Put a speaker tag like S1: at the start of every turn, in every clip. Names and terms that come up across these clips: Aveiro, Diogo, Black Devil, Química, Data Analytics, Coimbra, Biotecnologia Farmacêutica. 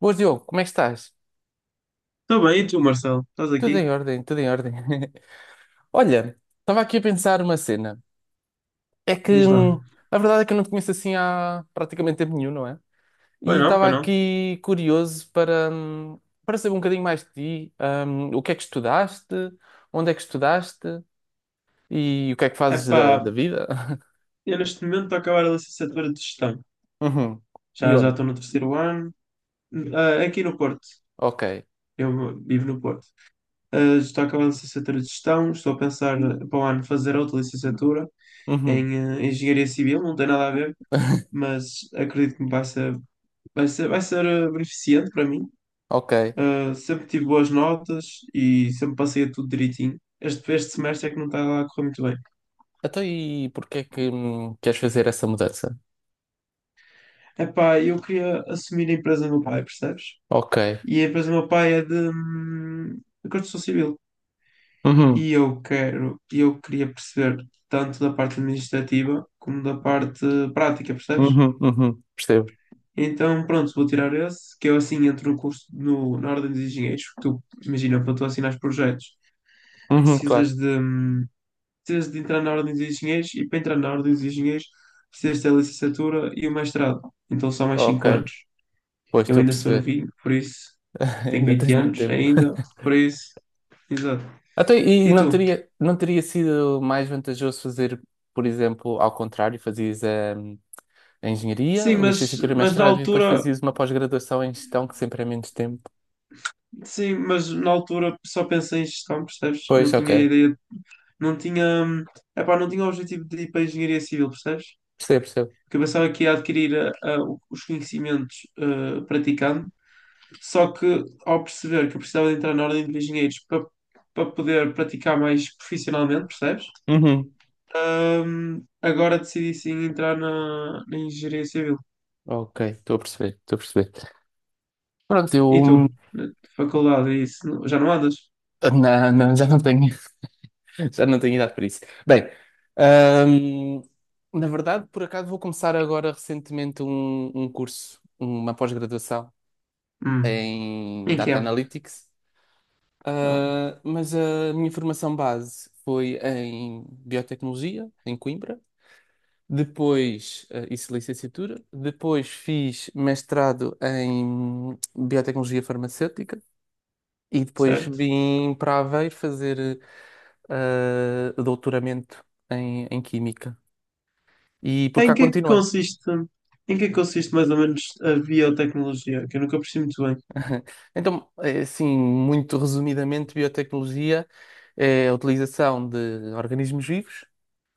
S1: Boas, Diogo, como é que estás?
S2: Está bem, e tu, Marcelo? Estás
S1: Tudo
S2: aqui?
S1: em ordem, tudo em ordem. Olha, estava aqui a pensar uma cena. É que
S2: Diz lá.
S1: a verdade é que eu não te conheço assim há praticamente tempo nenhum, não é?
S2: Foi
S1: E
S2: não, foi
S1: estava
S2: não.
S1: aqui curioso para saber um bocadinho mais de ti. O que é que estudaste? Onde é que estudaste? E o que é que fazes
S2: Epá,
S1: da vida?
S2: eu neste momento estou a acabar a licenciatura de gestão.
S1: Uhum. E
S2: Já
S1: onde?
S2: estou no terceiro ano, aqui no Porto.
S1: Ok.
S2: Eu vivo no Porto. Ah, estou a acabar a licenciatura de gestão, estou a pensar para o ano fazer outra licenciatura
S1: Uhum.
S2: em engenharia civil, não tem nada a ver, mas acredito que vai ser beneficente para mim.
S1: Ok.
S2: Ah, sempre tive boas notas e sempre passei a tudo direitinho. Este semestre é que não está lá a correr muito bem.
S1: Então, e porquê é que queres fazer essa mudança?
S2: Epá, eu queria assumir a empresa do meu pai, percebes?
S1: Ok.
S2: E a empresa do meu pai é de construção civil.
S1: Uhum.
S2: E eu queria perceber tanto da parte administrativa como da parte prática, percebes?
S1: Uhum. Uhum. Percebo.
S2: Então, pronto, vou tirar esse, que eu assim entro no curso, no, na ordem dos engenheiros, porque tu, imagina, para tu assinar projetos,
S1: Uhum, claro.
S2: precisas de, hum, precisas de entrar na ordem dos engenheiros e para entrar na ordem dos engenheiros precisas ter a licenciatura e o mestrado. Então são mais
S1: Ok.
S2: 5 anos.
S1: Pois
S2: Eu
S1: estou a
S2: ainda sou
S1: perceber.
S2: novinho, por isso. Tenho
S1: Ainda
S2: 20
S1: tens muito
S2: anos
S1: tempo.
S2: ainda, por isso. Exato.
S1: Até, e
S2: E tu?
S1: não teria sido mais vantajoso fazer, por exemplo, ao contrário, fazias hum, a engenharia,
S2: Sim,
S1: licenciatura, mestrado e depois fazias uma pós-graduação em gestão, que sempre é menos tempo.
S2: mas na altura só pensei em gestão, percebes? Não
S1: Pois, ok.
S2: tinha ideia, não tinha, hum, epá, não tinha o objetivo de ir para a engenharia civil, percebes?
S1: Percebo, percebo.
S2: Porque eu pensava que ia adquirir os conhecimentos praticando, só que ao perceber que eu precisava de entrar na ordem de engenheiros para poder praticar mais profissionalmente, percebes?
S1: Uhum.
S2: Agora decidi sim entrar na engenharia civil.
S1: Ok, estou a perceber, estou a perceber. Pronto, eu
S2: E tu? Na faculdade, e isso? Já não andas?
S1: já não tenho Já não tenho idade para isso. Bem, ahm, na verdade, por acaso, vou começar agora recentemente um curso, uma pós-graduação
S2: Hum.
S1: em
S2: Em que
S1: Data
S2: é?
S1: Analytics.
S2: Ah,
S1: Ah, mas a minha formação base foi em Biotecnologia, em Coimbra, depois isso licenciatura, depois fiz mestrado em Biotecnologia Farmacêutica e depois
S2: certo.
S1: vim para Aveiro fazer doutoramento em Química. E por
S2: Em
S1: cá
S2: que é que
S1: continuei.
S2: consiste, em que é que consiste mais ou menos a biotecnologia? Que eu nunca percebi muito bem.
S1: Então, assim, muito resumidamente, biotecnologia é a utilização de organismos vivos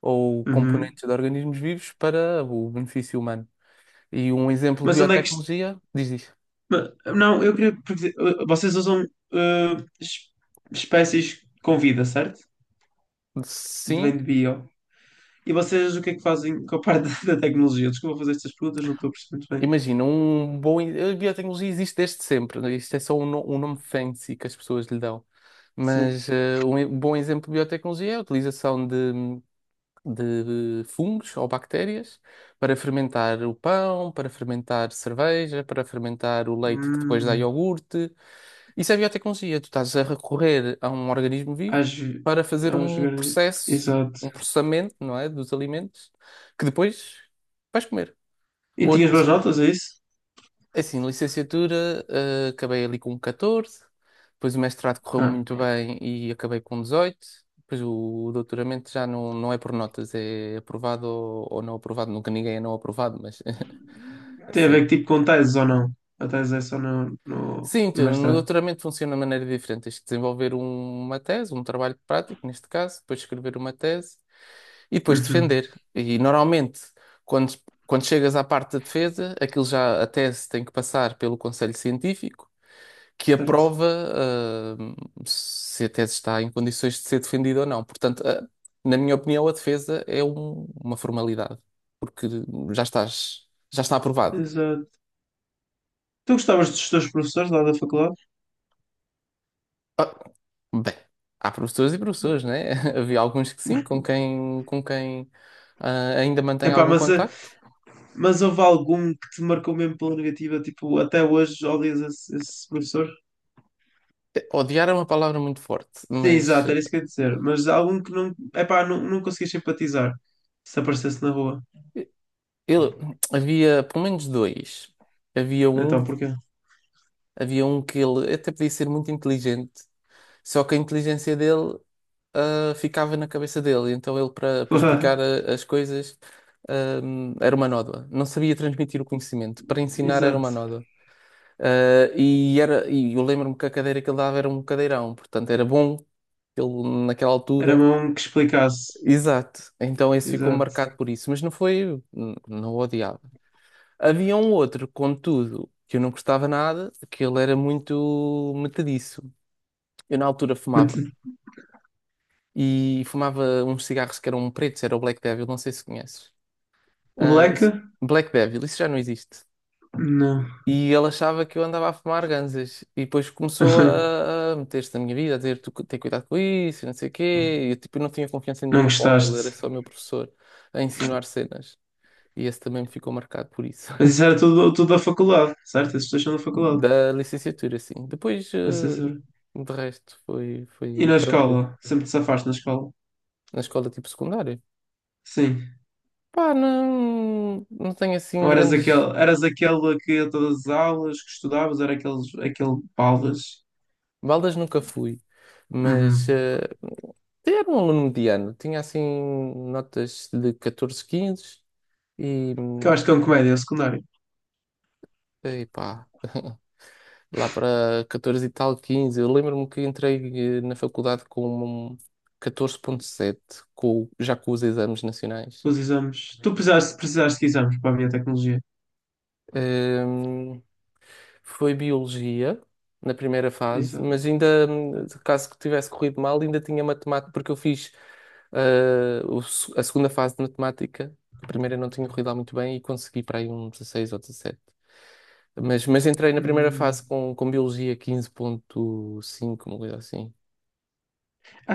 S1: ou
S2: Uhum.
S1: componentes de organismos vivos para o benefício humano. E um exemplo de
S2: Mas onde é que isto.
S1: biotecnologia diz isto.
S2: Não, eu queria. Porque, vocês usam uh, es- espécies com vida, certo? De Vem
S1: Sim,
S2: de bio. E vocês o que é que fazem com a parte da tecnologia? Desculpa fazer estas perguntas, não estou a perceber muito bem.
S1: imagina, um bom. A biotecnologia existe desde sempre, né? Isto é só um nome fancy que as pessoas lhe dão.
S2: Sim.
S1: Mas um bom exemplo de biotecnologia é a utilização de fungos ou bactérias para fermentar o pão, para fermentar cerveja, para fermentar o leite que depois dá
S2: Hum.
S1: iogurte. Isso é biotecnologia. Tu estás a recorrer a um organismo vivo
S2: Às... ve-
S1: para fazer
S2: Aos...
S1: um
S2: organi-
S1: processo,
S2: Exato.
S1: um processamento, não é, dos alimentos que depois vais comer.
S2: E tinhas boas notas, é isso?
S1: É assim, licenciatura, acabei ali com 14, depois o mestrado correu
S2: Ah,
S1: muito bem e acabei com 18, depois o doutoramento já não, não é por notas, é aprovado ou não aprovado, nunca ninguém é não aprovado, mas
S2: tem a ver
S1: assim.
S2: que tipo com teses ou não? A tese é só no, no,
S1: Sim,
S2: no
S1: então, no
S2: mestrado.
S1: doutoramento funciona de maneira diferente, tens que desenvolver uma tese, um trabalho prático, neste caso, depois escrever uma tese e depois
S2: Uhum,
S1: defender. E normalmente, quando, quando chegas à parte da defesa, aquilo já, a tese tem que passar pelo conselho científico, que
S2: certo.
S1: aprova ah, se a tese está em condições de ser defendida ou não. Portanto, na minha opinião, a defesa é uma formalidade, porque já estás, já está aprovado.
S2: Exato. Tu gostavas dos teus professores lá da faculdade?
S1: Ah, Bem, há professores e professores, né? Havia alguns que sim, com quem ainda mantém
S2: Epá,
S1: algum
S2: mas, eh,
S1: contacto.
S2: mas houve algum que te marcou mesmo pela negativa? Tipo, até hoje odias esse professor?
S1: Odiar é uma palavra muito forte,
S2: Sim,
S1: mas
S2: exato, era isso que eu ia dizer. Mas algum que não. Epá, não conseguias simpatizar se aparecesse na rua.
S1: eh, ele havia pelo menos dois. Havia
S2: Então,
S1: um,
S2: porquê?
S1: Havia um que ele até podia ser muito inteligente, só que a inteligência dele ficava na cabeça dele. Então ele, para
S2: Porra,
S1: explicar as coisas, ah, era uma nódoa. Não sabia transmitir o conhecimento. Para ensinar era
S2: exato.
S1: uma nódoa. E eu lembro-me que a cadeira que ele dava era um cadeirão. Portanto, era bom que ele, naquela
S2: Era
S1: altura.
S2: mesmo um que explicasse.
S1: Exato. Então esse ficou
S2: Exato.
S1: marcado por isso. Mas não foi... Não o odiava. Havia um outro, contudo, que eu não gostava nada, que ele era muito metediço. Eu na altura
S2: Mas,
S1: fumava e fumava uns cigarros que eram pretos, era o Black Devil, não sei se conheces.
S2: O
S1: Ah,
S2: Black?
S1: isso- Black Devil, isso já não existe.
S2: Não.
S1: E ele achava que eu andava a fumar ganzas. E depois começou a meter-se na minha vida, a dizer: tu tem cuidado com isso, e não sei o quê. E eu tipo, não tinha confiança
S2: Não
S1: nenhuma com ele, era
S2: gostaste.
S1: só o meu professor a ensinar cenas. E esse também me ficou marcado por isso.
S2: Mas isso era tudo da faculdade, certo? Esses dois são da faculdade.
S1: Da licenciatura, sim. Depois,
S2: Da
S1: de resto, foi,
S2: E
S1: foi
S2: na escola?
S1: tranquilo.
S2: Sempre te safaste na escola?
S1: Na escola tipo secundária.
S2: Sim.
S1: Pá, não, não tenho assim
S2: Ou eras
S1: grandes.
S2: aquele, eras aquele que ia a todas as aulas que estudavas, aquele baldas?
S1: Baldas nunca fui, mas
S2: Uhum.
S1: era um aluno mediano. Tinha assim notas de 14, 15 e,
S2: Que eu
S1: hum,
S2: acho que é um comédia, é o secundário.
S1: e pá, lá para 14 e tal, 15. Eu lembro-me que entrei na faculdade com um 14,7, com, já com os exames nacionais.
S2: Os exames. Tu precisaste de exames para a minha tecnologia.
S1: Ehm, Foi biologia na primeira
S2: Isso.
S1: fase, mas ainda,
S2: É.
S1: caso que tivesse corrido mal, ainda tinha matemática, porque eu fiz ah, o se- a segunda fase de matemática. A primeira não tinha corrido lá muito bem e consegui para aí um 16 ou 17. Mas entrei na primeira fase
S2: Hum.
S1: com biologia 15.5, uma coisa assim.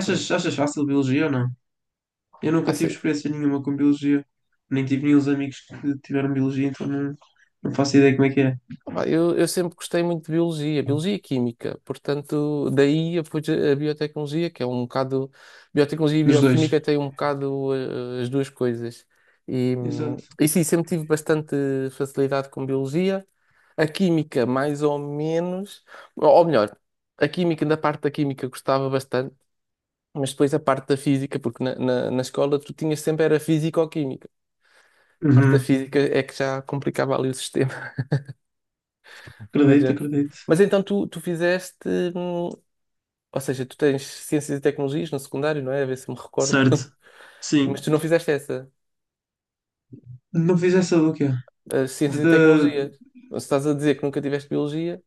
S1: Foi.
S2: achas fácil biologia ou não? Eu nunca tive experiência nenhuma com biologia. Nem tive nenhum amigos que tiveram biologia, então não faço ideia como é que é.
S1: Eu sempre gostei muito de biologia, biologia e química, portanto, daí depois a biotecnologia, que é um bocado. Biotecnologia e
S2: Dos dois.
S1: bioquímica têm um bocado as duas coisas. E, hum,
S2: Exato.
S1: e sim, sempre tive bastante facilidade com biologia. A química, mais ou menos. Ou melhor, a química, na parte da química, gostava bastante, mas depois a parte da física, porque na escola tu tinhas sempre era física ou química. A parte da
S2: Uhum.
S1: física é que já complicava ali o sistema. Mas,
S2: Acredito,
S1: é.
S2: acredito.
S1: Mas então tu fizeste, hum, ou seja, tu tens Ciências e Tecnologias no secundário, não é? A ver se me recordo.
S2: Certo.
S1: Mas
S2: Sim.
S1: tu não fizeste essa,
S2: Não fiz essa do quê?
S1: as
S2: De,
S1: Ciências e
S2: de-
S1: Tecnologias. Se estás a dizer que nunca tiveste Biologia.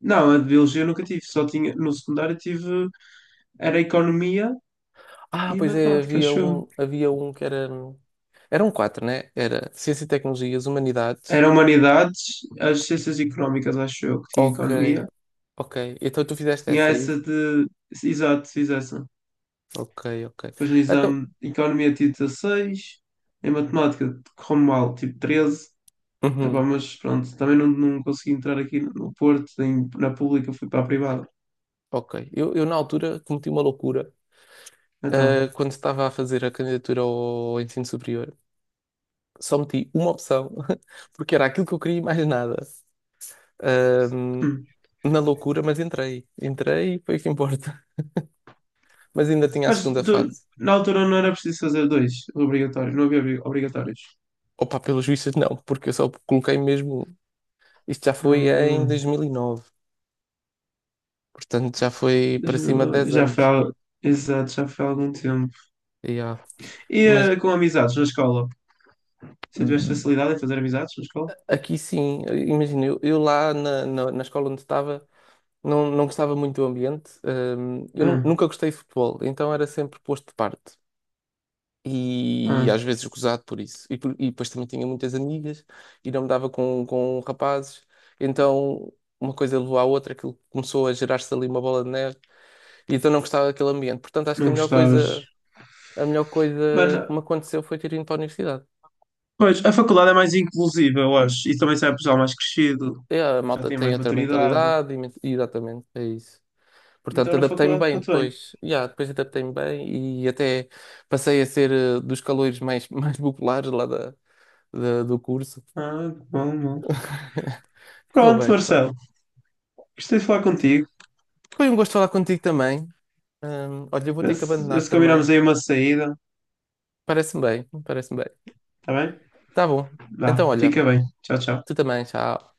S2: Não, a de biologia eu nunca tive. Só tinha. No secundário tive. Era economia e
S1: Pois é,
S2: matemática, acho eu.
S1: havia um que era. Eram quatro, né? Era Ciências e Tecnologias, Humanidades.
S2: Era humanidades, as ciências económicas, acho eu, que tinha
S1: Ok,
S2: economia.
S1: ok. Então tu fizeste
S2: Tinha
S1: essa aí?
S2: essa de. Exato, fiz essa.
S1: Ok, ok.
S2: Depois no
S1: Então,
S2: exame, economia tive 16. Em matemática, correu mal, tive 13. Epá,
S1: uhum,
S2: mas pronto, também não consegui entrar aqui no Porto, na pública, fui para a privada.
S1: ok. Eu na altura cometi uma loucura.
S2: Então.
S1: Quando estava a fazer a candidatura ao ensino superior, só meti uma opção, porque era aquilo que eu queria e mais nada. Ahm,
S2: Hum.
S1: Na loucura, mas entrei. Entrei e foi o que importa. Mas ainda tinha a
S2: Mas
S1: segunda
S2: tu,
S1: fase.
S2: na altura não era preciso fazer dois obrigatórios, não havia obrigatórios.
S1: Opa, pelos vistos, não, porque eu só coloquei mesmo. Isto já foi em
S2: Ah,
S1: 2009, portanto já foi para
S2: deixa-me
S1: cima de
S2: lá.
S1: 10 anos.
S2: Exato, já foi há algum tempo.
S1: E, ah,
S2: E
S1: Mas
S2: com amizades na escola? Você tiveste
S1: hum,
S2: facilidade em fazer amizades na escola?
S1: aqui sim, imagina, eu lá na escola onde estava. Não, não gostava muito do ambiente. Eu
S2: Ah,
S1: nunca gostei de futebol, então era sempre posto de parte, e às
S2: ah,
S1: vezes gozado por isso. E depois também tinha muitas amigas e não me dava com rapazes. Então uma coisa levou à outra, aquilo começou a gerar-se ali uma bola de neve e então não gostava daquele ambiente. Portanto, acho que
S2: não gostavas.
S1: a melhor coisa que
S2: Mano,
S1: me aconteceu foi ter ido para a universidade.
S2: pois, a faculdade é mais inclusiva, eu acho. E também sai pessoal mais crescido,
S1: É, a
S2: já
S1: malta
S2: tem
S1: tem
S2: mais
S1: outra
S2: maturidade.
S1: mentalidade e exatamente, é isso.
S2: Então
S1: Portanto,
S2: na
S1: adaptei-me
S2: faculdade
S1: bem
S2: correu bem.
S1: depois. Yeah, depois adaptei-me bem e até passei a ser dos caloiros mais, mais populares lá do curso.
S2: Ah, que bom, bom.
S1: Correu
S2: Pronto,
S1: bem, correu.
S2: Marcelo. Gostei de falar contigo.
S1: Foi um gosto falar contigo também. Olha, eu vou ter que
S2: Se,
S1: abandonar
S2: se combinamos
S1: também.
S2: aí uma saída.
S1: Parece-me bem, parece-me bem.
S2: Está bem?
S1: Tá bom.
S2: Vá,
S1: Então, olha,
S2: fica bem. Tchau, tchau.
S1: tu também, tchau.